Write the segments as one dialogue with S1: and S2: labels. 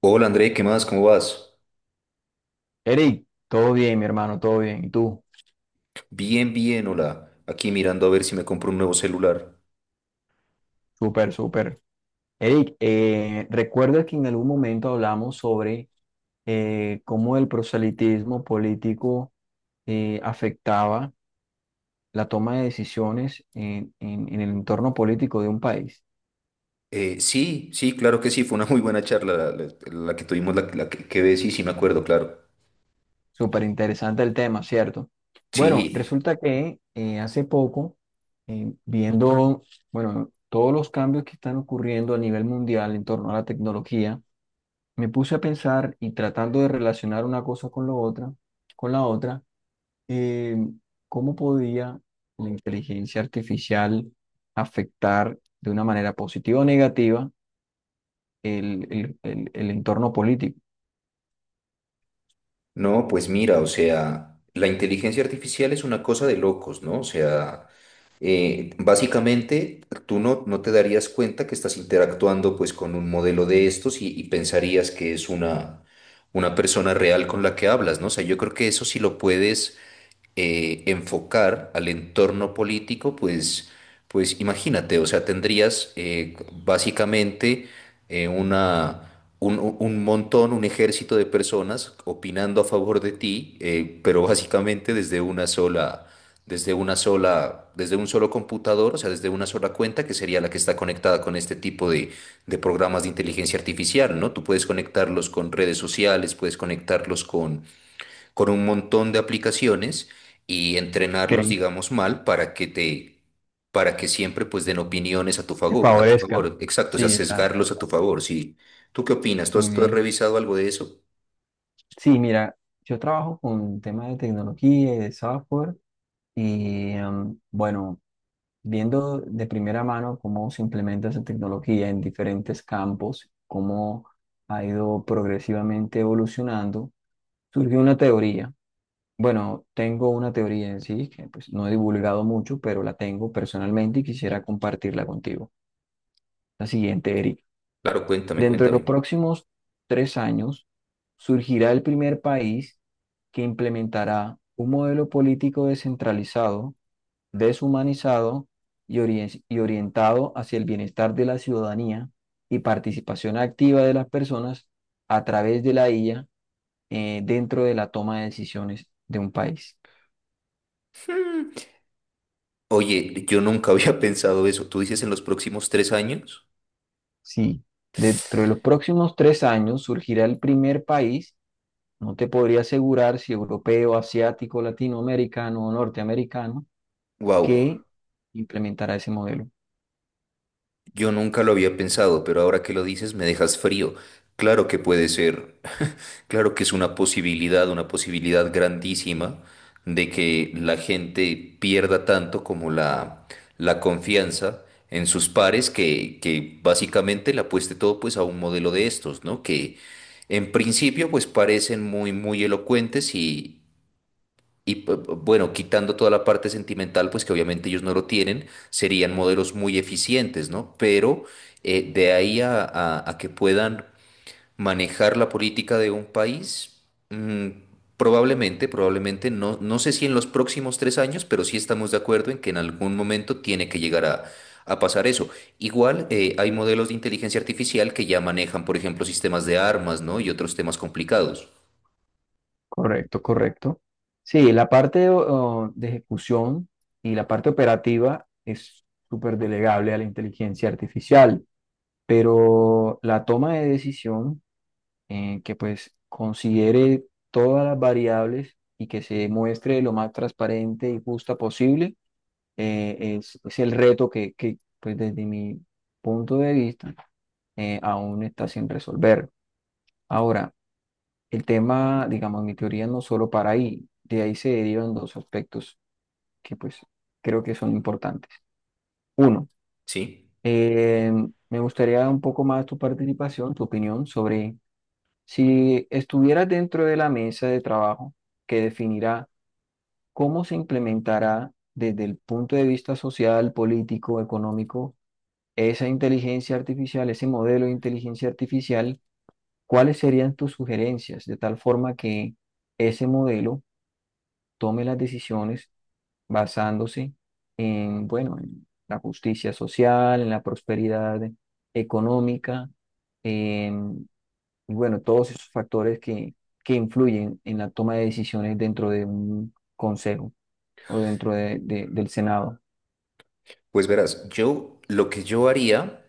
S1: Hola André, ¿qué más? ¿Cómo vas?
S2: Eric, todo bien, mi hermano, todo bien. ¿Y tú?
S1: Bien, bien, hola. Aquí mirando a ver si me compro un nuevo celular.
S2: Súper, súper. Eric, ¿recuerdas que en algún momento hablamos sobre cómo el proselitismo político afectaba la toma de decisiones en, en el entorno político de un país?
S1: Sí, sí, claro que sí, fue una muy buena charla la, la que tuvimos, la que ves, sí, sí me acuerdo, claro.
S2: Súper interesante el tema, ¿cierto? Bueno,
S1: Sí,
S2: resulta que hace poco, viendo, bueno, todos los cambios que están ocurriendo a nivel mundial en torno a la tecnología, me puse a pensar y tratando de relacionar una cosa con lo otra, con la otra, eh, cómo podía la inteligencia artificial afectar de una manera positiva o negativa el entorno político.
S1: no, pues mira, o sea, la inteligencia artificial es una cosa de locos, ¿no? O sea, básicamente tú no te darías cuenta que estás interactuando pues con un modelo de estos y pensarías que es una persona real con la que hablas, ¿no? O sea, yo creo que eso sí lo puedes enfocar al entorno político, pues imagínate, o sea, tendrías básicamente una, un montón, un ejército de personas opinando a favor de ti, pero básicamente desde un solo computador, o sea, desde una sola cuenta que sería la que está conectada con este tipo de programas de inteligencia artificial, ¿no? Tú puedes conectarlos con redes sociales, puedes conectarlos con un montón de aplicaciones y entrenarlos,
S2: Ok,
S1: digamos, mal para que siempre pues den opiniones a tu
S2: te
S1: favor, a tu
S2: favorezca.
S1: favor. Exacto, o sea,
S2: Sí, exacto.
S1: sesgarlos a tu favor. Sí. ¿Tú qué opinas? ¿Tú
S2: Muy
S1: has, tú has
S2: bien.
S1: revisado algo de eso?
S2: Sí, mira, yo trabajo con temas de tecnología y de software y bueno, viendo de primera mano cómo se implementa esa tecnología en diferentes campos, cómo ha ido progresivamente evolucionando, surgió una teoría. Bueno, tengo una teoría en sí que pues, no he divulgado mucho, pero la tengo personalmente y quisiera compartirla contigo. La siguiente, Eric.
S1: Claro, cuéntame,
S2: Dentro de los
S1: cuéntame.
S2: próximos 3 años surgirá el primer país que implementará un modelo político descentralizado, deshumanizado y orientado hacia el bienestar de la ciudadanía y participación activa de las personas a través de la IA, dentro de la toma de decisiones de un país.
S1: Hmm. Oye, yo nunca había pensado eso. ¿Tú dices en los próximos 3 años?
S2: Sí, dentro de los próximos tres años surgirá el primer país, no te podría asegurar si europeo, asiático, latinoamericano o norteamericano,
S1: Wow,
S2: que implementará ese modelo.
S1: yo nunca lo había pensado, pero ahora que lo dices me dejas frío. Claro que puede ser. Claro que es una posibilidad grandísima de que la gente pierda tanto como la confianza en sus pares que básicamente le apueste todo pues a un modelo de estos, ¿no? Que en principio pues parecen muy, muy elocuentes bueno, quitando toda la parte sentimental pues que obviamente ellos no lo tienen, serían modelos muy eficientes, ¿no? Pero de ahí a que puedan manejar la política de un país, mm, probablemente, probablemente, no, no sé si en los próximos tres años, pero sí estamos de acuerdo en que en algún momento tiene que llegar a pasar eso. Igual hay modelos de inteligencia artificial que ya manejan, por ejemplo, sistemas de armas, ¿no? Y otros temas complicados,
S2: Correcto, correcto. Sí, la parte de ejecución y la parte operativa es súper delegable a la inteligencia artificial, pero la toma de decisión, que pues considere todas las variables y que se muestre lo más transparente y justa posible, es el reto que, pues desde mi punto de vista, aún está sin resolver. Ahora, el tema, digamos, mi teoría no solo para ahí, de ahí se derivan dos aspectos que pues creo que son importantes. Uno,
S1: ¿sí?
S2: eh, me gustaría un poco más tu participación, tu opinión sobre si estuvieras dentro de la mesa de trabajo que definirá cómo se implementará desde el punto de vista social, político, económico esa inteligencia artificial, ese modelo de inteligencia artificial, ¿cuáles serían tus sugerencias? De tal forma que ese modelo tome las decisiones basándose en, bueno, en la justicia social, en la prosperidad económica, en, y bueno, todos esos factores que influyen en la toma de decisiones dentro de un consejo o dentro del Senado.
S1: Pues verás, yo lo que yo haría,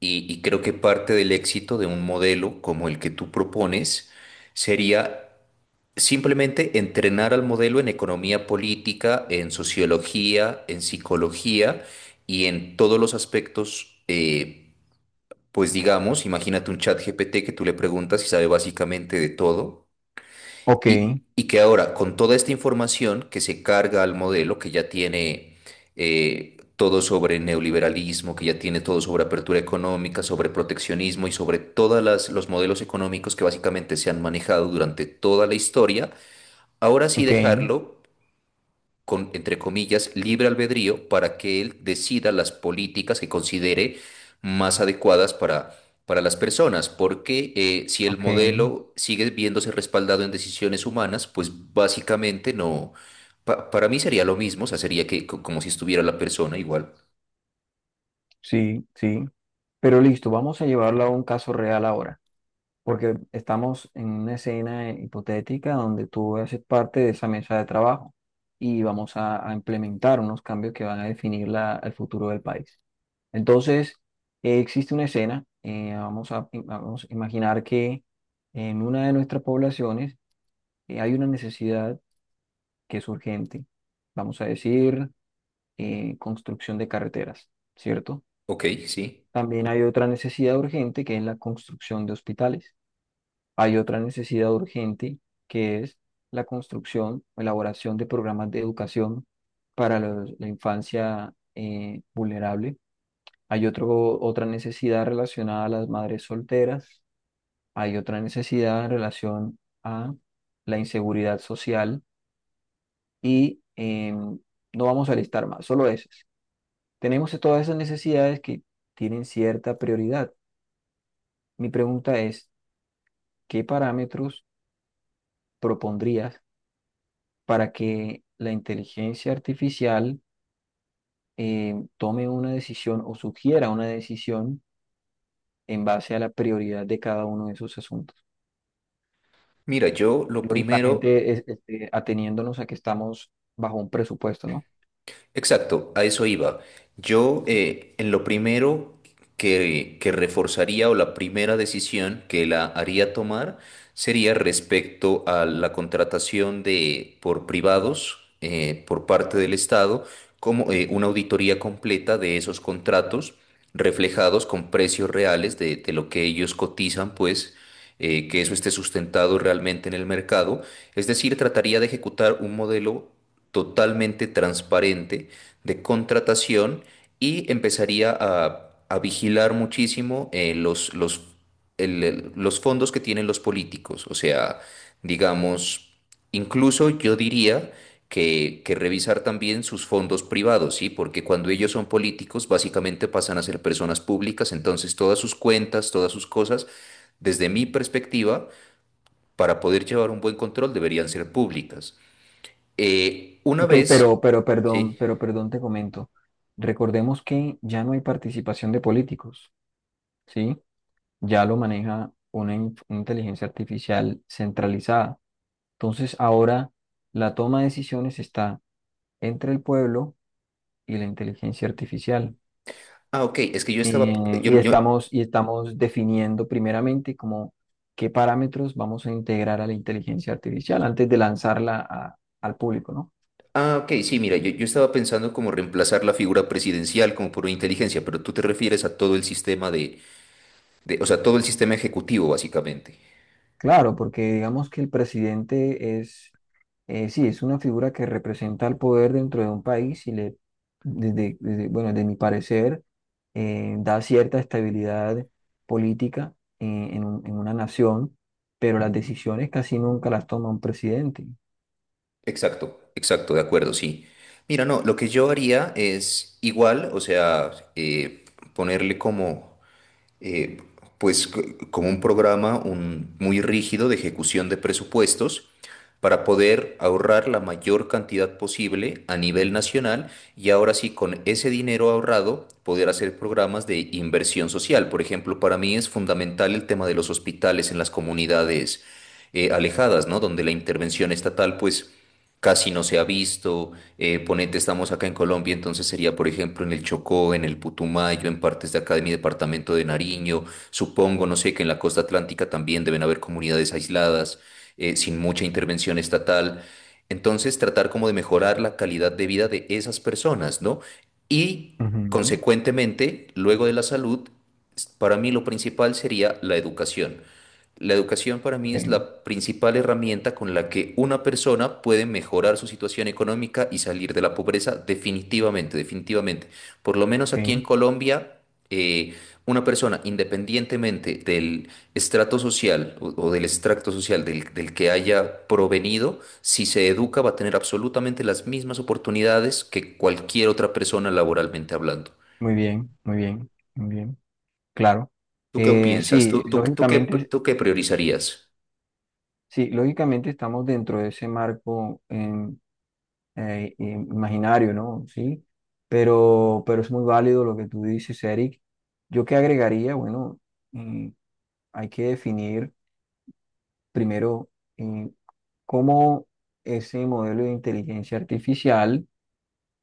S1: y creo que parte del éxito de un modelo como el que tú propones, sería simplemente entrenar al modelo en economía política, en sociología, en psicología y en todos los aspectos, pues digamos, imagínate un chat GPT que tú le preguntas y sabe básicamente de todo
S2: Ok,
S1: y que ahora con toda esta información que se carga al modelo, que ya tiene todo sobre neoliberalismo, que ya tiene todo sobre apertura económica, sobre proteccionismo y sobre todos los modelos económicos que básicamente se han manejado durante toda la historia. Ahora sí
S2: ok,
S1: dejarlo con, entre comillas, libre albedrío para que él decida las políticas que considere más adecuadas para las personas, porque si el
S2: ok,
S1: modelo sigue viéndose respaldado en decisiones humanas, pues básicamente no, para mí sería lo mismo, o sea, sería que como si estuviera la persona igual.
S2: sí, sí. Pero listo, vamos a llevarlo a un caso real ahora, porque estamos en una escena hipotética donde tú haces parte de esa mesa de trabajo y vamos a implementar unos cambios que van a definir el futuro del país. Entonces, existe una escena, vamos a imaginar que en una de nuestras poblaciones hay una necesidad que es urgente, vamos a decir, construcción de carreteras, ¿cierto?
S1: Ok, sí.
S2: También hay otra necesidad urgente que es la construcción de hospitales. Hay otra necesidad urgente que es la construcción o elaboración de programas de educación para la infancia vulnerable. Hay otra necesidad relacionada a las madres solteras. Hay otra necesidad en relación a la inseguridad social y no vamos a listar más, solo esas. Tenemos todas esas necesidades que tienen cierta prioridad. Mi pregunta es: ¿qué parámetros propondrías para que la inteligencia artificial tome una decisión o sugiera una decisión en base a la prioridad de cada uno de esos asuntos?
S1: Mira, yo lo primero.
S2: Lógicamente, este, ateniéndonos a que estamos bajo un presupuesto, ¿no?
S1: Exacto, a eso iba. En lo primero que reforzaría o la primera decisión que la haría tomar sería respecto a la contratación de por privados por parte del Estado, como una auditoría completa de esos contratos reflejados con precios reales de lo que ellos cotizan, pues que eso esté sustentado realmente en el mercado. Es decir, trataría de ejecutar un modelo totalmente transparente de contratación y empezaría a vigilar muchísimo los fondos que tienen los políticos. O sea, digamos, incluso yo diría que revisar también sus fondos privados, ¿sí? Porque cuando ellos son políticos, básicamente pasan a ser personas públicas, entonces todas sus cuentas, todas sus cosas, desde mi perspectiva, para poder llevar un buen control, deberían ser públicas. Una
S2: Ok,
S1: vez,
S2: pero, pero perdón,
S1: sí.
S2: pero perdón, te comento. Recordemos que ya no hay participación de políticos, ¿sí? Ya lo maneja una una inteligencia artificial centralizada. Entonces, ahora la toma de decisiones está entre el pueblo y la inteligencia artificial.
S1: Ah, ok, es que yo estaba,
S2: Eh,
S1: yo,
S2: y
S1: yo,
S2: estamos, y estamos definiendo primeramente como qué parámetros vamos a integrar a la inteligencia artificial antes de lanzarla al público, ¿no?
S1: ah, ok, sí, mira, yo estaba pensando como reemplazar la figura presidencial como por una inteligencia, pero tú te refieres a todo el sistema de, o sea, todo el sistema ejecutivo, básicamente.
S2: Claro, porque digamos que el presidente es, sí, es una figura que representa el poder dentro de un país y le, bueno, de mi parecer, da cierta estabilidad política en una nación, pero las decisiones casi nunca las toma un presidente.
S1: Exacto, exacto, de acuerdo, sí. Mira, no, lo que yo haría es igual, o sea, ponerle eh, como un programa muy rígido de ejecución de presupuestos para poder ahorrar la mayor cantidad posible a nivel nacional y ahora sí con ese dinero ahorrado poder hacer programas de inversión social. Por ejemplo, para mí es fundamental el tema de los hospitales en las comunidades alejadas, ¿no? Donde la intervención estatal pues casi no se ha visto. Ponete, estamos acá en Colombia, entonces sería, por ejemplo, en el Chocó, en el Putumayo, en partes de acá de mi departamento de Nariño. Supongo, no sé, que en la Costa Atlántica también deben haber comunidades aisladas, sin mucha intervención estatal. Entonces, tratar como de mejorar la calidad de vida de esas personas, ¿no? Y,
S2: Ujú,
S1: consecuentemente, luego de la salud, para mí lo principal sería la educación. La educación para mí es
S2: ok,
S1: la principal herramienta con la que una persona puede mejorar su situación económica y salir de la pobreza definitivamente, definitivamente. Por lo menos aquí en
S2: ok,
S1: Colombia, eh, una persona independientemente del estrato social o del extracto social del que haya provenido, si se educa va a tener absolutamente las mismas oportunidades que cualquier otra persona laboralmente hablando.
S2: muy bien, muy bien, muy bien. Claro.
S1: ¿Tú qué
S2: Eh,
S1: piensas? ¿Tú,
S2: sí,
S1: tú, tú qué,
S2: lógicamente,
S1: tú qué priorizarías?
S2: sí, lógicamente, estamos dentro de ese marco imaginario, ¿no? Sí, pero, es muy válido lo que tú dices, Eric. Yo qué agregaría, bueno, mm, hay que definir primero eh, cómo ese modelo de inteligencia artificial,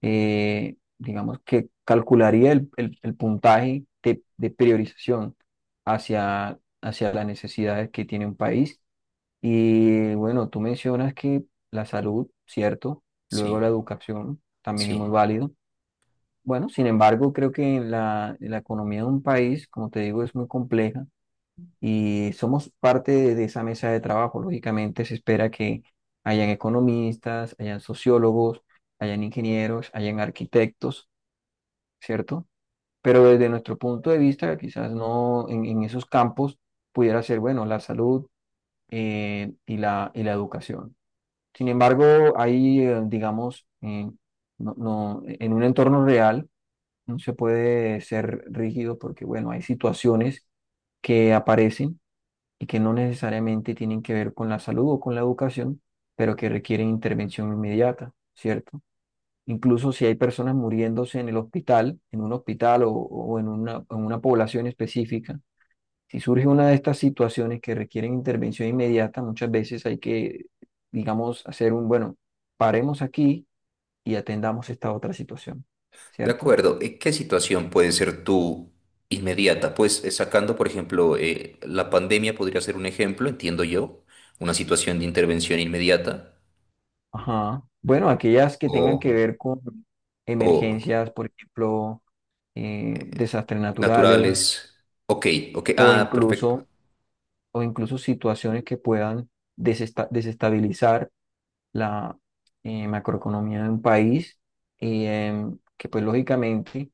S2: digamos, que calcularía el puntaje de priorización hacia las necesidades que tiene un país. Y bueno, tú mencionas que la salud, ¿cierto? Luego la
S1: Sí,
S2: educación también es muy
S1: sí.
S2: válido. Bueno, sin embargo, creo que en la economía de un país, como te digo, es muy compleja y somos parte de esa mesa de trabajo. Lógicamente se espera que hayan economistas, hayan sociólogos, hayan ingenieros, hayan arquitectos, ¿cierto? Pero desde nuestro punto de vista, quizás no en esos campos pudiera ser, bueno, la salud y la educación. Sin embargo, hay, digamos, no, en un entorno real no se puede ser rígido porque, bueno, hay situaciones que aparecen y que no necesariamente tienen que ver con la salud o con la educación, pero que requieren intervención inmediata, ¿cierto? Incluso si hay personas muriéndose en el hospital, en un hospital o en una población específica, si surge una de estas situaciones que requieren intervención inmediata, muchas veces hay que, digamos, hacer un, bueno, paremos aquí y atendamos esta otra situación,
S1: De
S2: ¿cierto?
S1: acuerdo, ¿Y qué situación puede ser tú inmediata? Pues sacando, por ejemplo, la pandemia podría ser un ejemplo, entiendo yo, una situación de intervención inmediata
S2: Ajá. Bueno, aquellas que tengan que
S1: o,
S2: ver con
S1: o
S2: emergencias, por ejemplo, desastres naturales
S1: naturales. Ok, ok,
S2: o
S1: ah, perfecto.
S2: incluso situaciones que puedan desestabilizar la macroeconomía de un país y que pues lógicamente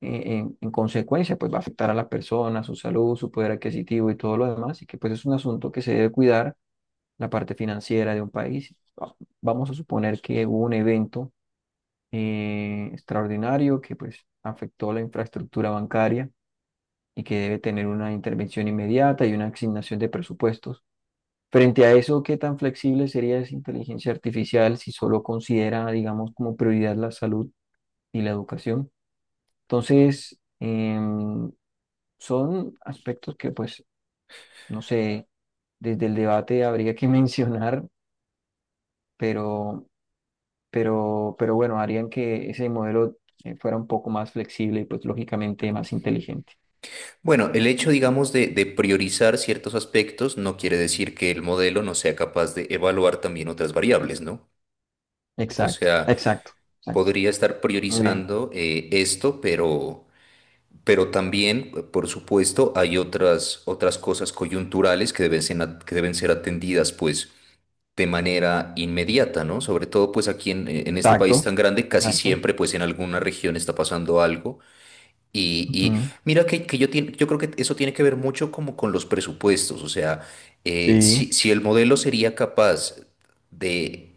S2: en consecuencia pues va a afectar a las personas, su salud, su poder adquisitivo y todo lo demás y que pues es un asunto que se debe cuidar la parte financiera de un país. Vamos a suponer que hubo un evento extraordinario que pues afectó la infraestructura bancaria y que debe tener una intervención inmediata y una asignación de presupuestos. Frente a eso, ¿qué tan flexible sería esa inteligencia artificial si solo considera, digamos, como prioridad la salud y la educación? Entonces, son aspectos que pues, no sé, desde el debate habría que mencionar, pero pero bueno, harían que ese modelo fuera un poco más flexible y pues lógicamente más inteligente.
S1: Bueno, el hecho, digamos, de priorizar ciertos aspectos no quiere decir que el modelo no sea capaz de evaluar también otras variables, ¿no? O
S2: Exacto,
S1: sea,
S2: exacto, exacto.
S1: podría estar
S2: Muy bien.
S1: priorizando esto, pero. Pero también, por supuesto, hay otras cosas coyunturales que deben ser atendidas, pues, de manera inmediata, ¿no? Sobre todo, pues, aquí en este país
S2: Exacto,
S1: tan grande, casi
S2: exacto.
S1: siempre, pues, en alguna región está pasando algo. Y
S2: Ujú,
S1: mira que yo creo que eso tiene que ver mucho como con los presupuestos. O sea,
S2: sí,
S1: si el modelo sería capaz de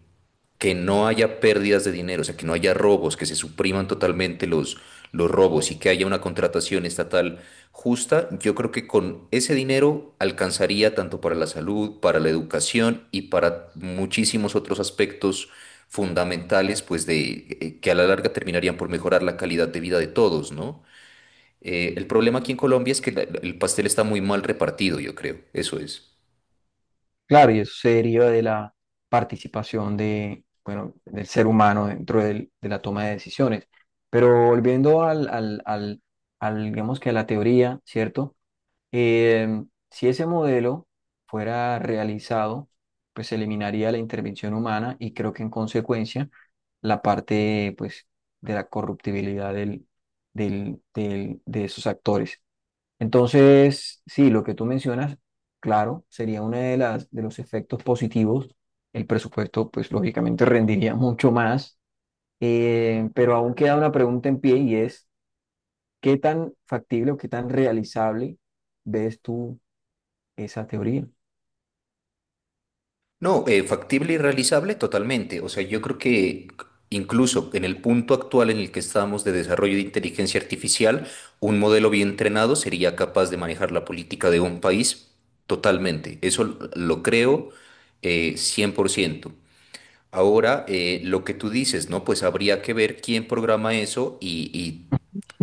S1: que no haya pérdidas de dinero, o sea, que no haya robos, que se supriman totalmente los robos y que haya una contratación estatal justa, yo creo que con ese dinero alcanzaría tanto para la salud, para la educación y para muchísimos otros aspectos fundamentales, pues de que a la larga terminarían por mejorar la calidad de vida de todos, ¿no? El problema aquí en Colombia es que el pastel está muy mal repartido, yo creo, eso es.
S2: claro, y eso se deriva de la participación de, bueno, del ser humano dentro de la toma de decisiones. Pero volviendo al, digamos que a la teoría, ¿cierto? Eh, si ese modelo fuera realizado, pues se eliminaría la intervención humana y creo que en consecuencia la parte pues de la corruptibilidad de esos actores. Entonces, sí, lo que tú mencionas, claro, sería uno de los efectos positivos. El presupuesto, pues lógicamente rendiría mucho más. Pero aún queda una pregunta en pie y es, ¿qué tan factible o qué tan realizable ves tú esa teoría?
S1: No, factible y realizable totalmente. O sea, yo creo que incluso en el punto actual en el que estamos de desarrollo de inteligencia artificial, un modelo bien entrenado sería capaz de manejar la política de un país totalmente. Eso lo creo 100%. Ahora, lo que tú dices, ¿no? Pues habría que ver quién programa eso y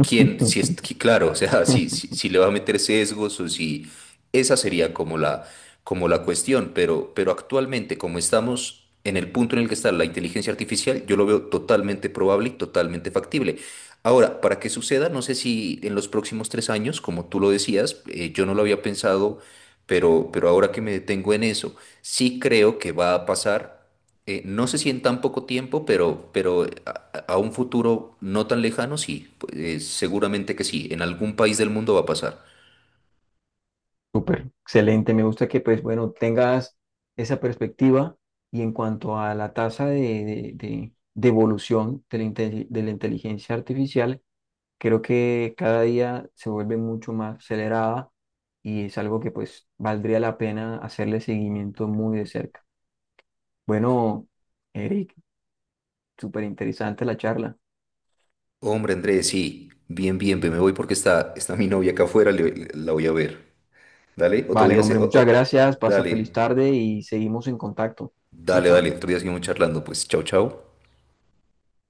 S1: quién, si claro, o sea, si le va a meter sesgos o si esa sería como la cuestión, pero actualmente como estamos en el punto en el que está la inteligencia artificial, yo lo veo totalmente probable y totalmente factible. Ahora, para que suceda, no sé si en los próximos tres años, como tú lo decías, yo no lo había pensado, pero ahora que me detengo en eso, sí creo que va a pasar no sé si en tan poco tiempo, pero a un futuro no tan lejano, sí, pues, seguramente que sí, en algún país del mundo va a pasar.
S2: Súper, excelente. Me gusta que, pues, bueno, tengas esa perspectiva y en cuanto a la tasa de evolución de la inteligencia artificial, creo que cada día se vuelve mucho más acelerada y es algo que, pues, valdría la pena hacerle seguimiento muy de cerca. Bueno, Eric, súper interesante la charla.
S1: Hombre, Andrés, sí, bien, bien, ve, me voy porque está mi novia acá afuera, la voy a ver. Dale, otro
S2: Vale,
S1: día
S2: hombre,
S1: se...
S2: muchas
S1: o-
S2: gracias. Pasa
S1: dale,
S2: feliz tarde y seguimos en contacto. Chao,
S1: dale, dale,
S2: chao.
S1: otro día seguimos charlando, pues, chao, chao.